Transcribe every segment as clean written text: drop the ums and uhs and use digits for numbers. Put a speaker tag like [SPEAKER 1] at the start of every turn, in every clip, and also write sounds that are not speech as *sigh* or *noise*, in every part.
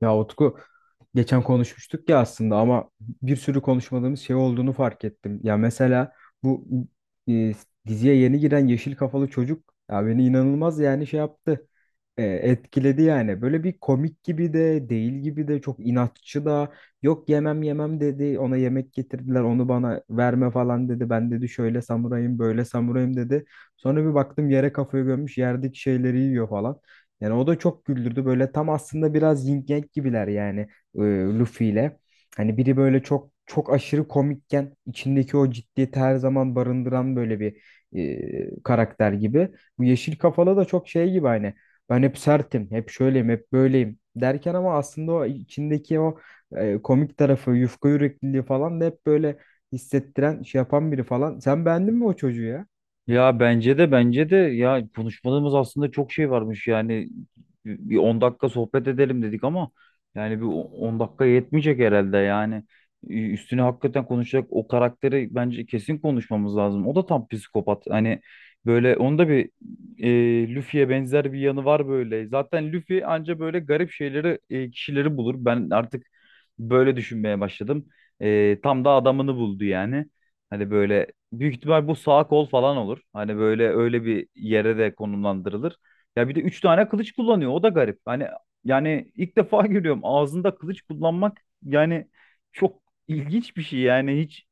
[SPEAKER 1] Ya Utku geçen konuşmuştuk ya aslında ama bir sürü konuşmadığımız şey olduğunu fark ettim. Ya mesela bu e, diziye yeni giren yeşil kafalı çocuk ya beni inanılmaz yani şey yaptı. Etkiledi yani. Böyle bir komik gibi de değil gibi de çok inatçı da yok yemem yemem dedi. Ona yemek getirdiler onu bana verme falan dedi. Ben dedi şöyle samurayım böyle samurayım dedi. Sonra bir baktım yere kafayı gömmüş yerdeki şeyleri yiyor falan. Yani o da çok güldürdü. Böyle tam aslında biraz yin yang gibiler yani e, Luffy ile. Hani biri böyle çok çok aşırı komikken içindeki o ciddiyeti her zaman barındıran böyle bir karakter gibi. Bu yeşil kafalı da çok şey gibi hani ben hep sertim, hep şöyleyim, hep böyleyim derken ama aslında o içindeki o komik tarafı, yufka yürekliliği falan da hep böyle hissettiren, şey yapan biri falan. Sen beğendin mi o çocuğu ya?
[SPEAKER 2] Ya bence de ya konuşmadığımız aslında çok şey varmış yani bir 10 dakika sohbet edelim dedik ama yani bir 10 dakika yetmeyecek herhalde yani. Üstüne hakikaten konuşacak o karakteri bence kesin konuşmamız lazım. O da tam psikopat. Hani böyle onda bir, Luffy'ye benzer bir yanı var. Böyle zaten Luffy anca böyle garip şeyleri, kişileri bulur. Ben artık böyle düşünmeye başladım. Tam da adamını buldu yani. Hani böyle, büyük ihtimal bu sağ kol falan olur. Hani böyle öyle bir yere de konumlandırılır. Ya bir de 3 tane kılıç kullanıyor. O da garip. Hani yani ilk defa *laughs* görüyorum ağzında kılıç kullanmak, yani çok ilginç bir şey. Yani hiç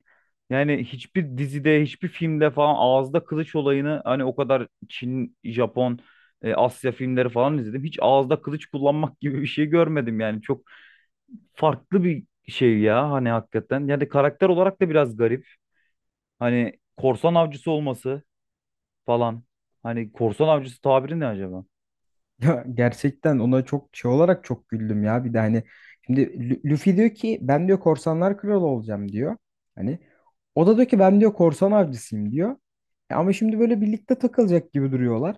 [SPEAKER 2] yani hiçbir dizide, hiçbir filmde falan ağızda kılıç olayını, hani o kadar Çin, Japon, Asya filmleri falan izledim, hiç ağızda kılıç kullanmak *laughs* gibi bir şey görmedim yani. Çok farklı bir şey ya hani, hakikaten. Yani karakter olarak da biraz garip. Hani korsan avcısı olması falan. Hani korsan avcısı tabiri ne acaba?
[SPEAKER 1] Ya gerçekten ona çok şey olarak çok güldüm ya. Bir de hani şimdi Luffy diyor ki ben diyor korsanlar kralı olacağım diyor. Hani o da diyor ki ben diyor korsan avcısıyım diyor. E ama şimdi böyle birlikte takılacak gibi duruyorlar.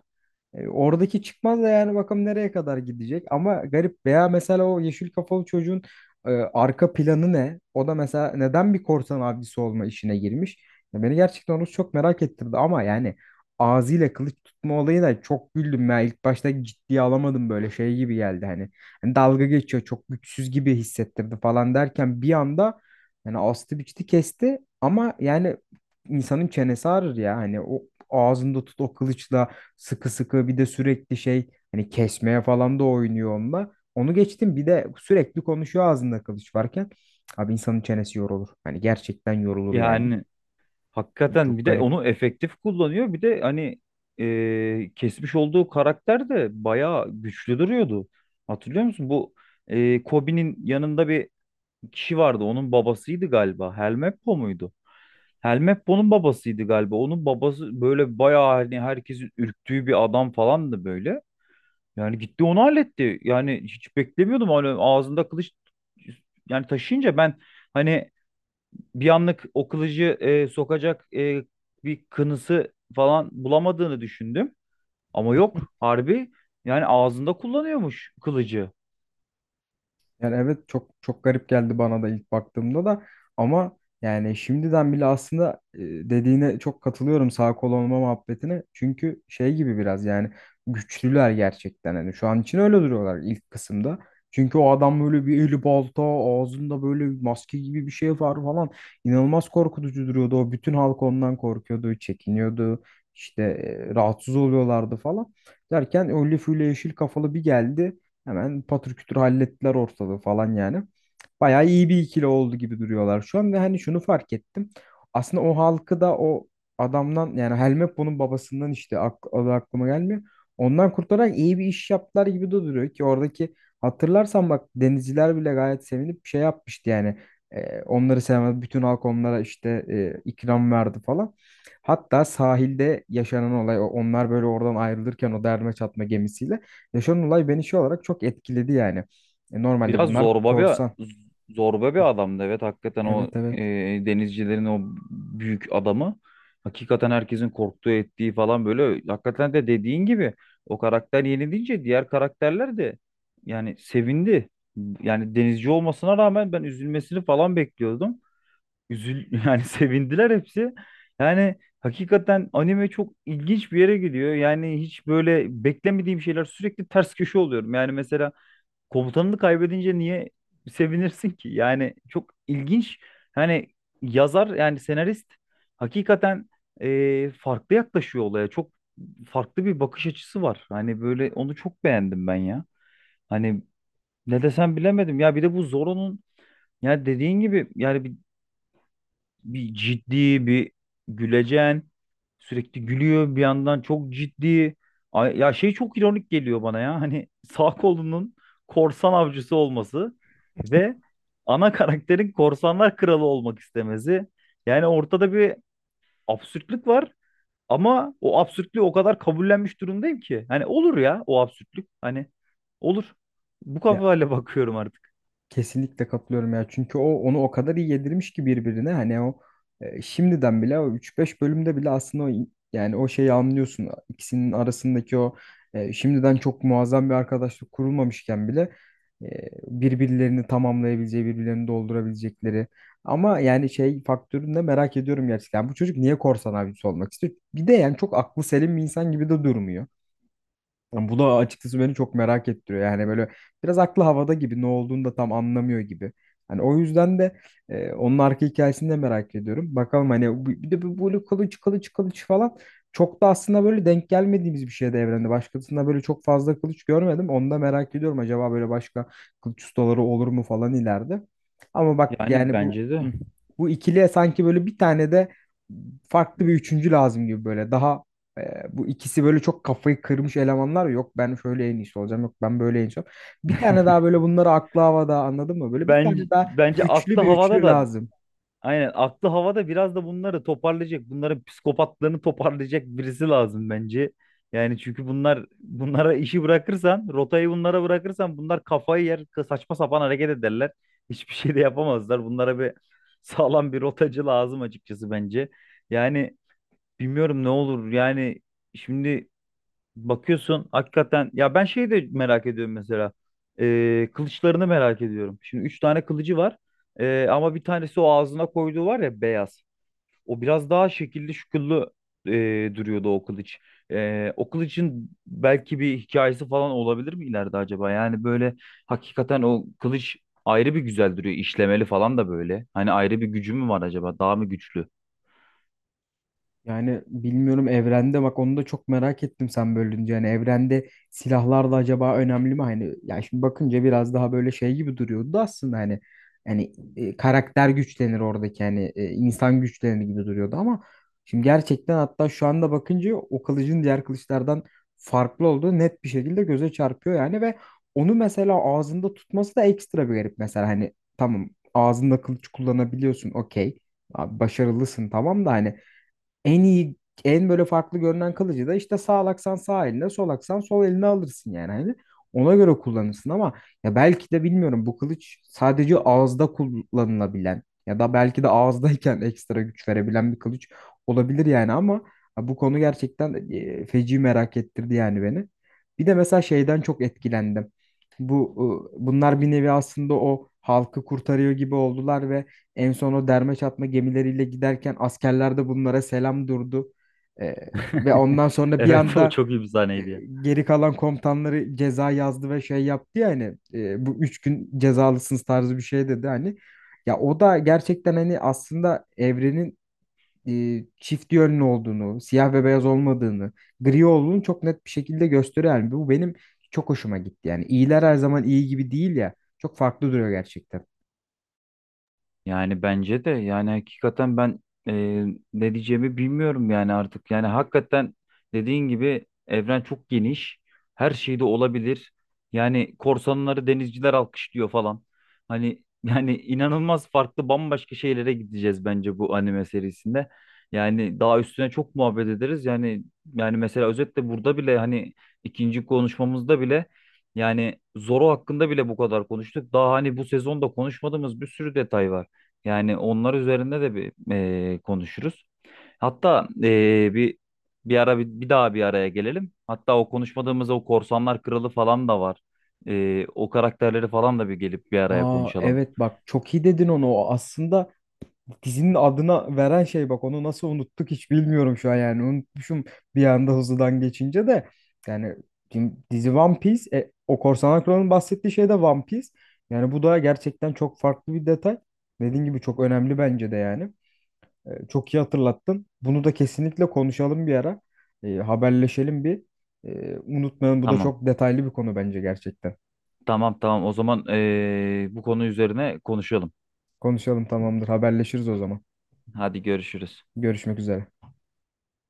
[SPEAKER 1] Oradaki çıkmaz da yani bakalım nereye kadar gidecek. Ama garip veya mesela o yeşil kafalı çocuğun arka planı ne? O da mesela neden bir korsan avcısı olma işine girmiş? Ya beni gerçekten onu çok merak ettirdi ama yani ağzıyla kılıç tutma olayı da çok güldüm ya. İlk başta ciddiye alamadım böyle şey gibi geldi hani. Hani dalga geçiyor çok güçsüz gibi hissettirdi falan derken bir anda yani astı biçti kesti ama yani insanın çenesi ağrır ya hani o ağzında tut o kılıçla sıkı sıkı, bir de sürekli şey hani kesmeye falan da oynuyor onunla. Onu geçtim bir de sürekli konuşuyor ağzında kılıç varken. Abi insanın çenesi yorulur. Hani gerçekten yorulur yani.
[SPEAKER 2] Yani hakikaten
[SPEAKER 1] Çok
[SPEAKER 2] bir de
[SPEAKER 1] garip.
[SPEAKER 2] onu efektif kullanıyor. Bir de hani, kesmiş olduğu karakter de bayağı güçlü duruyordu. Hatırlıyor musun? Bu, Kobe'nin yanında bir kişi vardı. Onun babasıydı galiba. Helmeppo muydu? Helmeppo'nun babasıydı galiba. Onun babası böyle bayağı, hani herkesin ürktüğü bir adam falandı böyle. Yani gitti onu halletti. Yani hiç beklemiyordum. Hani ağzında kılıç yani taşıyınca ben hani bir anlık o kılıcı sokacak bir kınısı falan bulamadığını düşündüm. Ama yok, harbi yani ağzında kullanıyormuş kılıcı.
[SPEAKER 1] Yani evet çok çok garip geldi bana da ilk baktığımda da ama yani şimdiden bile aslında dediğine çok katılıyorum sağ kol olma muhabbetine. Çünkü şey gibi biraz yani güçlüler gerçekten hani şu an için öyle duruyorlar ilk kısımda. Çünkü o adam böyle bir eli balta ağzında böyle bir maske gibi bir şey var falan, inanılmaz korkutucu duruyordu. O bütün halk ondan korkuyordu, çekiniyordu. İşte rahatsız oluyorlardı falan. Derken o Luffy yeşil kafalı bir geldi. Hemen patır kütür hallettiler ortalığı falan yani. Bayağı iyi bir ikili oldu gibi duruyorlar şu an ve hani şunu fark ettim. Aslında o halkı da o adamdan yani Helmeppo'nun babasından, işte ak adı aklıma gelmiyor. Ondan kurtararak iyi bir iş yaptılar gibi de duruyor ki oradaki, hatırlarsan bak, denizciler bile gayet sevinip şey yapmıştı yani. E, onları sevmez bütün halk onlara işte ikram verdi falan. Hatta sahilde yaşanan olay, onlar böyle oradan ayrılırken o derme çatma gemisiyle yaşanan olay beni şey olarak çok etkiledi yani. E, normalde
[SPEAKER 2] Biraz
[SPEAKER 1] bunlar
[SPEAKER 2] zorba bir
[SPEAKER 1] korsan.
[SPEAKER 2] zorba bir adamdı. Evet, hakikaten o,
[SPEAKER 1] Evet, evet.
[SPEAKER 2] denizcilerin o büyük adamı, hakikaten herkesin korktuğu, ettiği falan, böyle hakikaten de, dediğin gibi o karakter yenilince diğer karakterler de yani sevindi. Yani denizci olmasına rağmen ben üzülmesini falan bekliyordum. Üzül *laughs* yani sevindiler hepsi. Yani hakikaten anime çok ilginç bir yere gidiyor. Yani hiç böyle beklemediğim şeyler, sürekli ters köşe oluyorum. Yani mesela komutanını kaybedince niye sevinirsin ki? Yani çok ilginç. Hani yazar, yani senarist hakikaten, farklı yaklaşıyor olaya. Çok farklı bir bakış açısı var. Hani böyle onu çok beğendim ben ya. Hani ne desem bilemedim. Ya bir de bu Zoro'nun, ya dediğin gibi yani bir ciddi bir gülecen, sürekli gülüyor bir yandan çok ciddi. Ya şey, çok ironik geliyor bana ya, hani sağ kolunun korsan avcısı olması ve ana karakterin korsanlar kralı olmak istemesi. Yani ortada bir absürtlük var, ama o absürtlüğü o kadar kabullenmiş durumdayım ki, hani olur ya o absürtlük, hani olur, bu
[SPEAKER 1] Ya
[SPEAKER 2] kafayla *laughs* bakıyorum artık.
[SPEAKER 1] kesinlikle katılıyorum ya. Çünkü o onu o kadar iyi yedirmiş ki birbirine. Hani o şimdiden bile o üç beş bölümde bile aslında yani o şeyi anlıyorsun. İkisinin arasındaki o şimdiden çok muazzam bir arkadaşlık kurulmamışken bile e, birbirlerini tamamlayabileceği, birbirlerini doldurabilecekleri. Ama yani şey faktörünü de merak ediyorum gerçekten. Bu çocuk niye korsan abisi olmak istiyor? Bir de yani çok aklı selim bir insan gibi de durmuyor. Yani bu da açıkçası beni çok merak ettiriyor. Yani böyle biraz aklı havada gibi, ne olduğunu da tam anlamıyor gibi. Hani o yüzden de onun arka hikayesini de merak ediyorum. Bakalım hani bir de bu böyle kılıç kılıç kılıç falan, çok da aslında böyle denk gelmediğimiz bir şey de evrende. Başkasında böyle çok fazla kılıç görmedim. Onu da merak ediyorum. Acaba böyle başka kılıç ustaları olur mu falan ileride. Ama bak
[SPEAKER 2] Yani
[SPEAKER 1] yani
[SPEAKER 2] bence de.
[SPEAKER 1] hı, bu ikiliye sanki böyle bir tane de farklı bir üçüncü lazım gibi böyle. Daha bu ikisi böyle çok kafayı kırmış elemanlar. Yok ben şöyle en iyisi olacağım. Yok ben böyle en iyisi olacağım. Bir tane daha böyle bunları, aklı havada anladın mı? Böyle bir
[SPEAKER 2] Ben
[SPEAKER 1] tane daha
[SPEAKER 2] bence
[SPEAKER 1] güçlü
[SPEAKER 2] aklı
[SPEAKER 1] bir
[SPEAKER 2] havada
[SPEAKER 1] üçlü
[SPEAKER 2] da.
[SPEAKER 1] lazım.
[SPEAKER 2] Aynen, aklı havada biraz da bunları toparlayacak, bunların psikopatlığını toparlayacak birisi lazım bence. Yani çünkü bunlar, bunlara işi bırakırsan, rotayı bunlara bırakırsan bunlar kafayı yer, saçma sapan hareket ederler. Hiçbir şey de yapamazlar. Bunlara bir *laughs* sağlam bir rotacı lazım açıkçası, bence. Yani bilmiyorum ne olur. Yani şimdi, bakıyorsun hakikaten ya, ben şeyi de merak ediyorum mesela. Kılıçlarını merak ediyorum. Şimdi 3 tane kılıcı var. Ama bir tanesi o ağzına koyduğu var ya, beyaz. O biraz daha şekilli şüküllü duruyordu o kılıç. O kılıcın belki bir hikayesi falan olabilir mi ileride acaba? Yani böyle hakikaten o kılıç ayrı bir güzel duruyor. İşlemeli falan da böyle. Hani ayrı bir gücü mü var acaba? Daha mı güçlü? *laughs*
[SPEAKER 1] Yani bilmiyorum, evrende bak onu da çok merak ettim sen bölünce. Yani evrende silahlar da acaba önemli mi? Hani ya şimdi bakınca biraz daha böyle şey gibi duruyordu da aslında hani karakter güçlenir oradaki hani insan güçlenir gibi duruyordu ama şimdi gerçekten, hatta şu anda bakınca, o kılıcın diğer kılıçlardan farklı olduğu net bir şekilde göze çarpıyor yani. Ve onu mesela ağzında tutması da ekstra bir garip mesela. Hani tamam, ağzında kılıç kullanabiliyorsun, okey, abi başarılısın, tamam da hani en iyi, en böyle farklı görünen kılıcı da işte sağ aksan sağ eline, sol aksan sol eline alırsın yani. Hani ona göre kullanırsın ama ya belki de bilmiyorum, bu kılıç sadece ağızda kullanılabilen ya da belki de ağızdayken *laughs* ekstra güç verebilen bir kılıç olabilir yani. Ama ha, bu konu gerçekten feci merak ettirdi yani beni. Bir de mesela şeyden çok etkilendim. Bunlar bir nevi aslında o halkı kurtarıyor gibi oldular ve en son o derme çatma gemileriyle giderken askerler de bunlara selam durdu. Ee, ve ondan sonra bir
[SPEAKER 2] Evet, o
[SPEAKER 1] anda
[SPEAKER 2] çok iyi bir
[SPEAKER 1] e,
[SPEAKER 2] sahneydi ya.
[SPEAKER 1] geri kalan komutanları ceza yazdı ve şey yaptı ya hani, bu üç gün cezalısınız tarzı bir şey dedi hani. Ya o da gerçekten hani aslında evrenin çift yönlü olduğunu, siyah ve beyaz olmadığını, gri olduğunu çok net bir şekilde gösteriyor. Yani bu benim çok hoşuma gitti. Yani iyiler her zaman iyi gibi değil ya. Çok farklı duruyor gerçekten.
[SPEAKER 2] Yani bence de, yani hakikaten ben, e, ne diyeceğimi bilmiyorum yani artık. Yani hakikaten dediğin gibi evren çok geniş. Her şey de olabilir. Yani korsanları denizciler alkışlıyor falan. Hani *laughs* yani inanılmaz farklı bambaşka şeylere gideceğiz bence bu anime serisinde. Yani daha üstüne çok muhabbet ederiz. Yani mesela özetle burada bile, hani ikinci konuşmamızda bile, yani Zoro hakkında bile bu kadar konuştuk. Daha hani bu sezonda konuşmadığımız bir sürü detay var. Yani onlar üzerinde de bir konuşuruz. Hatta bir daha bir araya gelelim. Hatta o konuşmadığımız o Korsanlar Kralı falan da var. O karakterleri falan da bir gelip bir araya
[SPEAKER 1] Aa
[SPEAKER 2] konuşalım.
[SPEAKER 1] evet bak, çok iyi dedin onu. O aslında dizinin adına veren şey, bak onu nasıl unuttuk hiç bilmiyorum şu an. Yani unutmuşum bir anda, hızlıdan geçince de yani dizi One Piece, o Korsan kralın bahsettiği şey de One Piece. Yani bu da gerçekten çok farklı bir detay. Dediğin gibi çok önemli bence de yani. E, çok iyi hatırlattın. Bunu da kesinlikle konuşalım bir ara. E, haberleşelim bir. E, unutmayalım, bu da
[SPEAKER 2] Tamam.
[SPEAKER 1] çok detaylı bir konu bence gerçekten.
[SPEAKER 2] Tamam, tamam. O zaman bu konu üzerine konuşalım.
[SPEAKER 1] Konuşalım, tamamdır, haberleşiriz o zaman.
[SPEAKER 2] Hadi, görüşürüz.
[SPEAKER 1] Görüşmek üzere.